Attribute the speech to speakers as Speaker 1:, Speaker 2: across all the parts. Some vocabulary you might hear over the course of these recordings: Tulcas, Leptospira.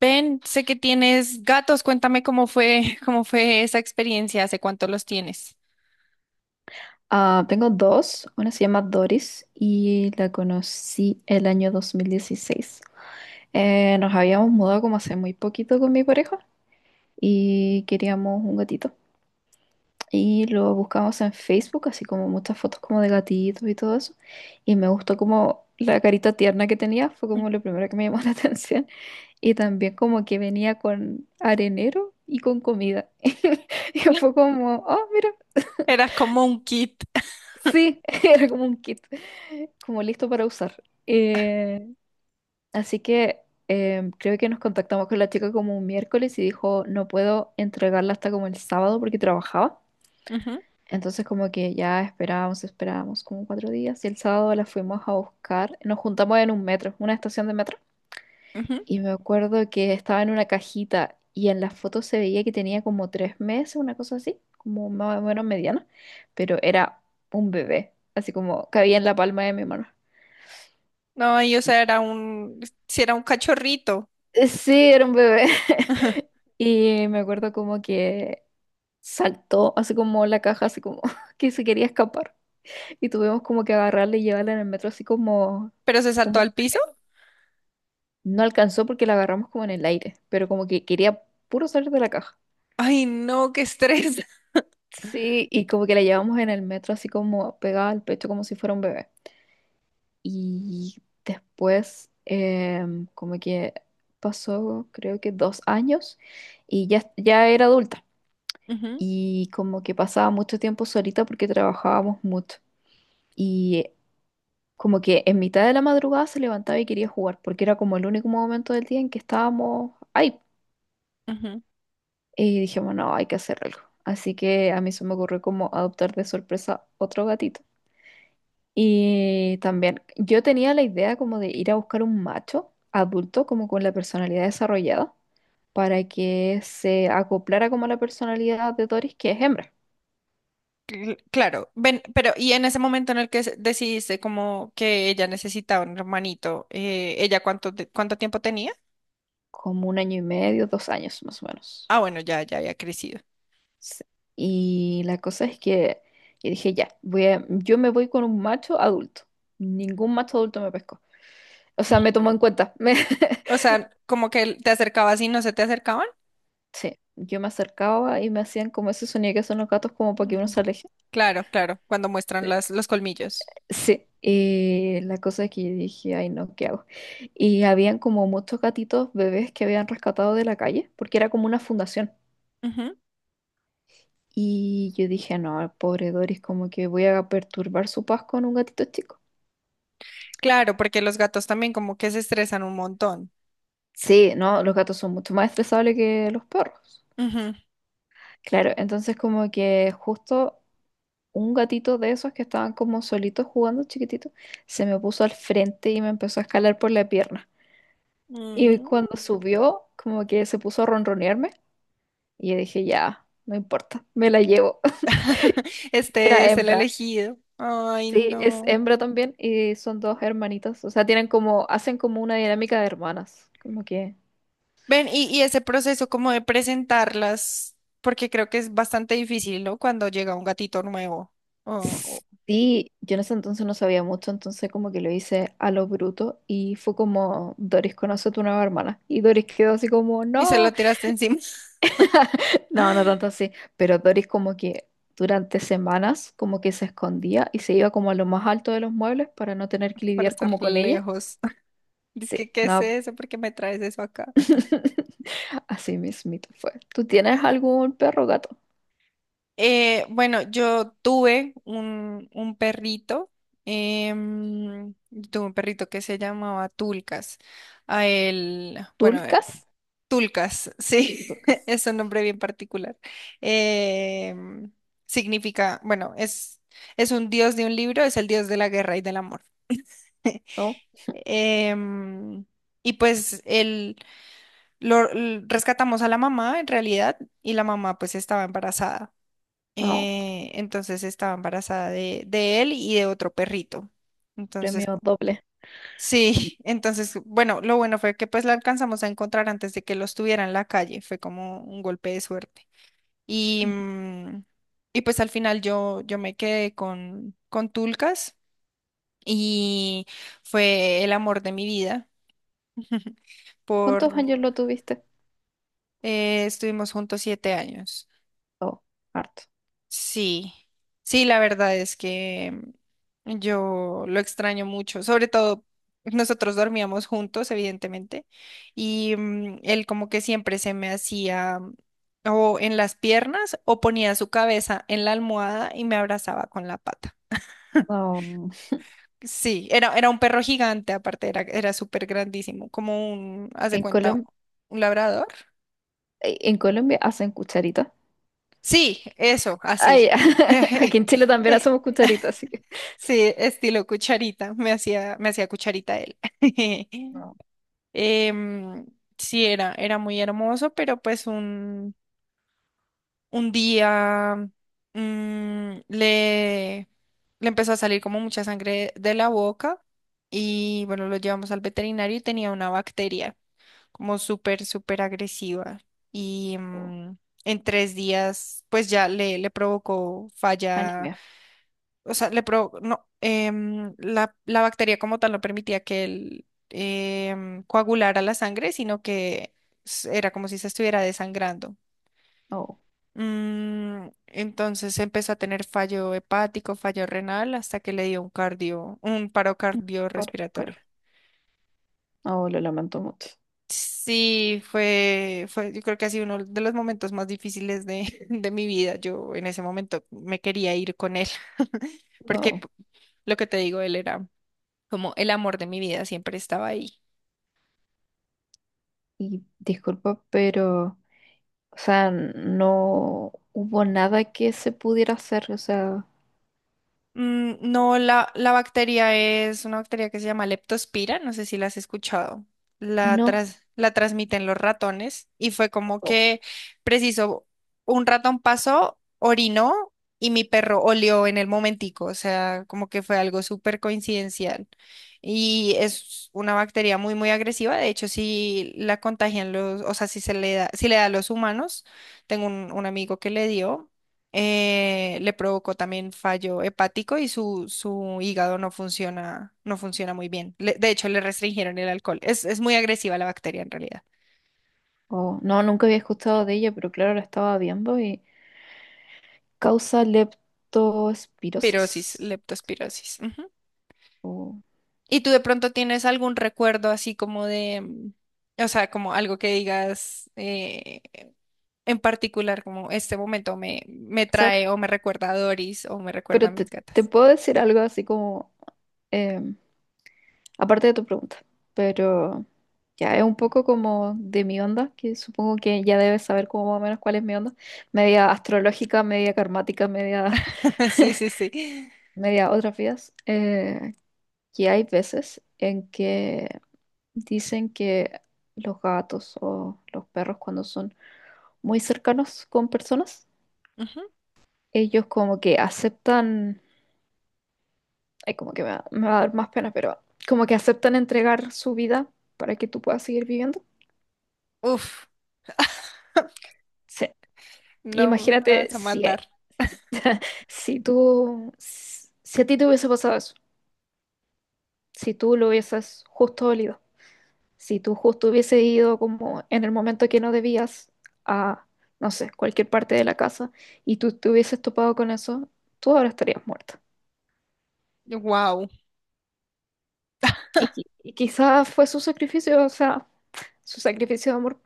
Speaker 1: Ben, sé que tienes gatos, cuéntame cómo fue, cómo fue esa experiencia, hace cuánto los tienes.
Speaker 2: Ah, tengo dos. Una se llama Doris y la conocí el año 2016. Nos habíamos mudado como hace muy poquito con mi pareja y queríamos un gatito. Y lo buscamos en Facebook, así como muchas fotos como de gatitos y todo eso. Y me gustó como la carita tierna que tenía, fue como lo primero que me llamó la atención. Y también como que venía con arenero y con comida. Y fue como, oh, mira,
Speaker 1: Era como un kit.
Speaker 2: sí, era como un kit, como listo para usar. Así que creo que nos contactamos con la chica como un miércoles y dijo, no puedo entregarla hasta como el sábado porque trabajaba.
Speaker 1: Ujú,
Speaker 2: Entonces como que ya esperábamos, esperábamos como 4 días y el sábado la fuimos a buscar. Nos juntamos en un metro, una estación de metro.
Speaker 1: ujú.
Speaker 2: Y me acuerdo que estaba en una cajita y en la foto se veía que tenía como 3 meses, una cosa así, como más o menos mediana, pero era un bebé, así como cabía en la palma de mi mano.
Speaker 1: No, y o sea, era un, si era un cachorrito.
Speaker 2: Sí, era un bebé.
Speaker 1: Ajá.
Speaker 2: Y me acuerdo como que saltó, así como la caja, así como que se quería escapar. Y tuvimos como que agarrarla y llevarla en el metro, así como,
Speaker 1: Pero se saltó
Speaker 2: como
Speaker 1: al piso.
Speaker 2: no alcanzó porque la agarramos como en el aire, pero como que quería puro salir de la caja.
Speaker 1: Ay, no, qué estrés.
Speaker 2: Sí, y como que la llevamos en el metro así como pegada al pecho como si fuera un bebé. Y después como que pasó creo que 2 años y ya, ya era adulta.
Speaker 1: Ujú,
Speaker 2: Y como que pasaba mucho tiempo solita porque trabajábamos mucho. Y como que en mitad de la madrugada se levantaba y quería jugar porque era como el único momento del día en que estábamos ahí.
Speaker 1: ujú.
Speaker 2: Y dijimos, no, hay que hacer algo. Así que a mí se me ocurrió como adoptar de sorpresa otro gatito. Y también yo tenía la idea como de ir a buscar un macho adulto, como con la personalidad desarrollada, para que se acoplara como a la personalidad de Doris, que es hembra,
Speaker 1: Claro, ven, pero y en ese momento en el que decidiste como que ella necesitaba un hermanito, ¿ella cuánto, cuánto tiempo tenía?
Speaker 2: como 1 año y medio, 2 años más o menos.
Speaker 1: Ah, bueno, ya, ya había crecido.
Speaker 2: Sí. Y la cosa es que yo dije, ya, yo me voy con un macho adulto. Ningún macho adulto me pescó. O sea, me tomó en cuenta.
Speaker 1: O sea, como que te acercabas y no se te acercaban.
Speaker 2: Sí, yo me acercaba y me hacían como ese sonido que son los gatos como para
Speaker 1: Mm,
Speaker 2: que uno se aleje.
Speaker 1: claro, claro, cuando muestran las, los colmillos.
Speaker 2: Sí, y la cosa es que yo dije, ay no, ¿qué hago? Y habían como muchos gatitos bebés que habían rescatado de la calle, porque era como una fundación. Y yo dije, no, pobre Doris, como que voy a perturbar su paz con un gatito chico.
Speaker 1: Claro, porque los gatos también como que se estresan un montón.
Speaker 2: Sí, no, los gatos son mucho más estresables que los perros.
Speaker 1: Ujú.
Speaker 2: Claro, entonces como que justo un gatito de esos que estaban como solitos jugando chiquitito, se me puso al frente y me empezó a escalar por la pierna. Y
Speaker 1: Mm.
Speaker 2: cuando subió, como que se puso a ronronearme. Y yo dije, ya, no importa, me la llevo. Y era
Speaker 1: Este es el
Speaker 2: hembra.
Speaker 1: elegido. Ay,
Speaker 2: Sí, es
Speaker 1: no.
Speaker 2: hembra también y son dos hermanitas. O sea, tienen como, hacen como una dinámica de hermanas. Como que...
Speaker 1: Ven, y ese proceso como de presentarlas, porque creo que es bastante difícil, ¿no? Cuando llega un gatito nuevo o- o-
Speaker 2: Sí, yo en ese entonces no sabía mucho, entonces como que lo hice a lo bruto y fue como, Doris, conoce a tu nueva hermana. Y Doris quedó así como,
Speaker 1: y se lo
Speaker 2: no,
Speaker 1: tiraste encima.
Speaker 2: no, no tanto así, pero Doris como que durante semanas como que se escondía y se iba como a lo más alto de los muebles para no tener que
Speaker 1: Para
Speaker 2: lidiar
Speaker 1: estar
Speaker 2: como con ella.
Speaker 1: lejos. Dice
Speaker 2: Sí,
Speaker 1: que, ¿qué es
Speaker 2: no,
Speaker 1: eso? ¿Por qué me traes eso acá?
Speaker 2: así mismito fue. ¿Tú tienes algún perro o gato?
Speaker 1: Bueno, yo tuve un perrito, em, tuve un perrito que se llamaba Tulcas. A él, bueno,
Speaker 2: ¿Tulcas?
Speaker 1: Tulcas, sí,
Speaker 2: Tulcas.
Speaker 1: es un nombre bien particular. Em, Significa, bueno, es un dios de un libro, es el dios de la guerra y del amor.
Speaker 2: No,
Speaker 1: Em, y pues él, rescatamos a la mamá en realidad y la mamá pues estaba embarazada.
Speaker 2: no.
Speaker 1: Entonces estaba embarazada de él y de otro perrito. Entonces,
Speaker 2: Premio doble.
Speaker 1: sí, entonces, bueno, lo bueno fue que pues la alcanzamos a encontrar antes de que los tuviera en la calle. Fue como un golpe de suerte. Y,
Speaker 2: Ujú.
Speaker 1: y pues al final yo me quedé con Tulcas y fue el amor de mi vida.
Speaker 2: ¿Cuántos
Speaker 1: Por,
Speaker 2: años lo tuviste?
Speaker 1: estuvimos juntos 7 años.
Speaker 2: No, harto.
Speaker 1: Sí, sí, la verdad es que yo lo extraño mucho, sobre todo nosotros dormíamos juntos, evidentemente, y él como que siempre se me hacía o en las piernas o ponía su cabeza en la almohada y me abrazaba con la pata.
Speaker 2: No.
Speaker 1: Sí, era, era un perro gigante, aparte era, era súper grandísimo, como un, haz de
Speaker 2: En
Speaker 1: cuenta,
Speaker 2: Colom,
Speaker 1: un labrador.
Speaker 2: en Colombia hacen cucharitas.
Speaker 1: Sí, eso,
Speaker 2: Ay,
Speaker 1: así.
Speaker 2: aquí en Chile también hacemos cucharitas, así que.
Speaker 1: Sí, estilo cucharita, me hacía cucharita él.
Speaker 2: No.
Speaker 1: Em, sí, era, era muy hermoso, pero pues un día le, le empezó a salir como mucha sangre de la boca y bueno, lo llevamos al veterinario y tenía una bacteria como súper, súper agresiva y
Speaker 2: No.
Speaker 1: en tres días pues ya le provocó falla,
Speaker 2: Anemia.
Speaker 1: o sea, le no, la, la bacteria como tal no permitía que él coagulara la sangre, sino que era como si se estuviera desangrando.
Speaker 2: No,
Speaker 1: Entonces empezó a tener fallo hepático, fallo renal, hasta que le dio un cardio, un paro
Speaker 2: por claro.
Speaker 1: cardiorrespiratorio.
Speaker 2: No, lo lamento mucho.
Speaker 1: Sí, fue, fue, yo creo que ha sido uno de los momentos más difíciles de, de mi vida. Yo en ese momento me quería ir con él, porque
Speaker 2: No.
Speaker 1: lo que te digo, él era como el amor de mi vida, siempre estaba ahí.
Speaker 2: Y disculpa, pero, o sea, no hubo nada que se pudiera hacer. O sea,
Speaker 1: No, la bacteria es una bacteria que se llama Leptospira, no sé si la has escuchado. La,
Speaker 2: no,
Speaker 1: la transmiten los ratones y fue como
Speaker 2: oh,
Speaker 1: que, preciso, un ratón pasó, orinó y mi perro olió en el momentico, o sea, como que fue algo súper coincidencial. Y es una bacteria muy, muy agresiva, de hecho, si la contagian los, o sea, si se le da, si le da a los humanos, tengo un amigo que le dio. Le provocó también fallo hepático y su hígado no funciona, no funciona muy bien. De hecho, le restringieron el alcohol. Es muy agresiva la bacteria en realidad.
Speaker 2: oh, no, nunca había escuchado de ella, pero claro, la estaba viendo y causa
Speaker 1: Pirosis,
Speaker 2: leptospirosis.
Speaker 1: leptospirosis. Ujú.
Speaker 2: Oh, o-
Speaker 1: ¿Y tú de pronto tienes algún recuerdo así como de, o sea, como algo que digas, en particular, como este momento me, me
Speaker 2: ¿sabes?
Speaker 1: trae o me recuerda a Doris o me recuerda
Speaker 2: Pero
Speaker 1: a
Speaker 2: te,
Speaker 1: mis
Speaker 2: te
Speaker 1: gatas?
Speaker 2: puedo decir algo así como, em, aparte de tu pregunta, pero ya es un poco como de mi onda, que supongo que ya debes saber como más o menos cuál es mi onda, media astrológica, media karmática, media,
Speaker 1: Sí, sí, sí.
Speaker 2: media otras vidas, que hay veces en que dicen que los gatos o los perros cuando son muy cercanos con personas,
Speaker 1: Ujú.
Speaker 2: ellos como que aceptan, ay, como que me va a dar más pena, pero como que aceptan entregar su vida para que tú puedas seguir viviendo.
Speaker 1: Uf,
Speaker 2: Sí.
Speaker 1: no me
Speaker 2: Imagínate
Speaker 1: vas a
Speaker 2: si,
Speaker 1: matar.
Speaker 2: si tú, si a ti te hubiese pasado eso, si tú lo hubieses justo olido. Si tú justo hubiese ido como en el momento que no debías a, no sé, cualquier parte de la casa y tú te hubieses topado con eso, tú ahora estarías muerta.
Speaker 1: Wow.
Speaker 2: Y, y quizás fue su sacrificio, o sea, su sacrificio de amor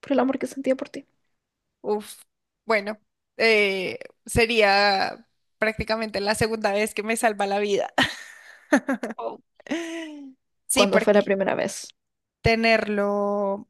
Speaker 2: por el amor que sentía por ti.
Speaker 1: Uf, bueno, eh, sería prácticamente la segunda vez que me salva la vida.
Speaker 2: Oh.
Speaker 1: Sí,
Speaker 2: Cuando fue la
Speaker 1: porque
Speaker 2: primera vez
Speaker 1: tenerlo...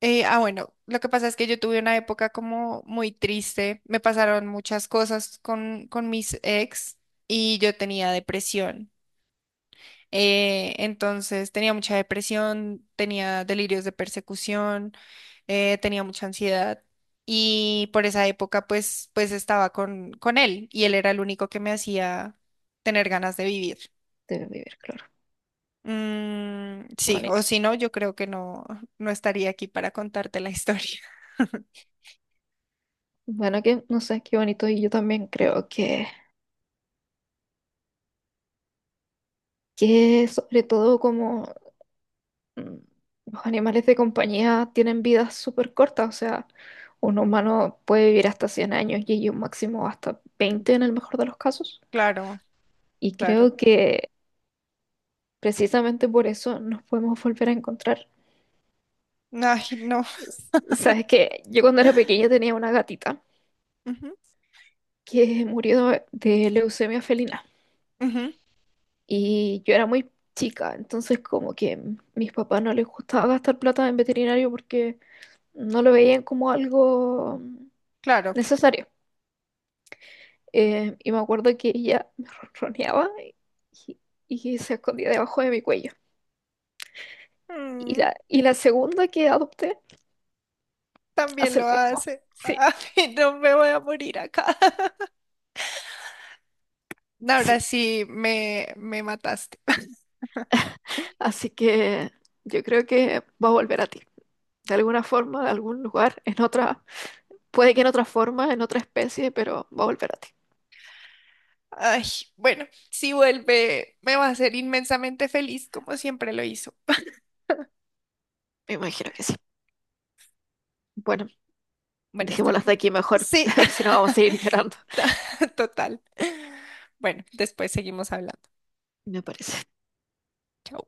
Speaker 1: bueno, lo que pasa es que yo tuve una época como muy triste, me pasaron muchas cosas con mis ex y yo tenía depresión. Entonces tenía mucha depresión, tenía delirios de persecución, tenía mucha ansiedad y por esa época pues, pues estaba con él y él era el único que me hacía tener ganas de vivir.
Speaker 2: de vivir, claro. Qué
Speaker 1: Sí, o
Speaker 2: bonito.
Speaker 1: si no, yo creo que no, no estaría aquí para contarte la historia.
Speaker 2: Bueno, que no sé, qué bonito. Y yo también creo que, sobre todo como mm, los animales de compañía tienen vidas súper cortas, o sea, un humano puede vivir hasta 100 años y ellos máximo hasta 20 en el mejor de los casos.
Speaker 1: Claro,
Speaker 2: Y
Speaker 1: claro.
Speaker 2: creo que precisamente por eso nos podemos volver a encontrar.
Speaker 1: Ay, no.
Speaker 2: Sabes que yo cuando era pequeña tenía una gatita
Speaker 1: Ujú,
Speaker 2: que murió de leucemia felina
Speaker 1: ujú,
Speaker 2: y yo era muy chica, entonces como que mis papás no les gustaba gastar plata en veterinario porque no lo veían como algo
Speaker 1: claro.
Speaker 2: necesario. Y me acuerdo que ella me ronroneaba y, se escondía debajo de mi cuello. Y
Speaker 1: Mm,
Speaker 2: la, y la segunda que adopté
Speaker 1: también
Speaker 2: hace lo
Speaker 1: lo
Speaker 2: mismo.
Speaker 1: hace.
Speaker 2: Sí,
Speaker 1: Ay, no me voy a morir acá.
Speaker 2: sí.
Speaker 1: Ahora sí me mataste.
Speaker 2: Así que yo creo que va a volver a ti. De alguna forma, de algún lugar, en otra, puede que en otra forma, en otra especie, pero va a volver a ti.
Speaker 1: Ay, bueno, si vuelve, me va a hacer inmensamente feliz, como siempre lo hizo.
Speaker 2: Me imagino que sí. Bueno,
Speaker 1: Bueno, está
Speaker 2: dejémoslo hasta
Speaker 1: bien.
Speaker 2: aquí mejor,
Speaker 1: Sí,
Speaker 2: si no vamos a seguir llorando,
Speaker 1: total. Bueno, después seguimos hablando.
Speaker 2: me parece.
Speaker 1: Chao.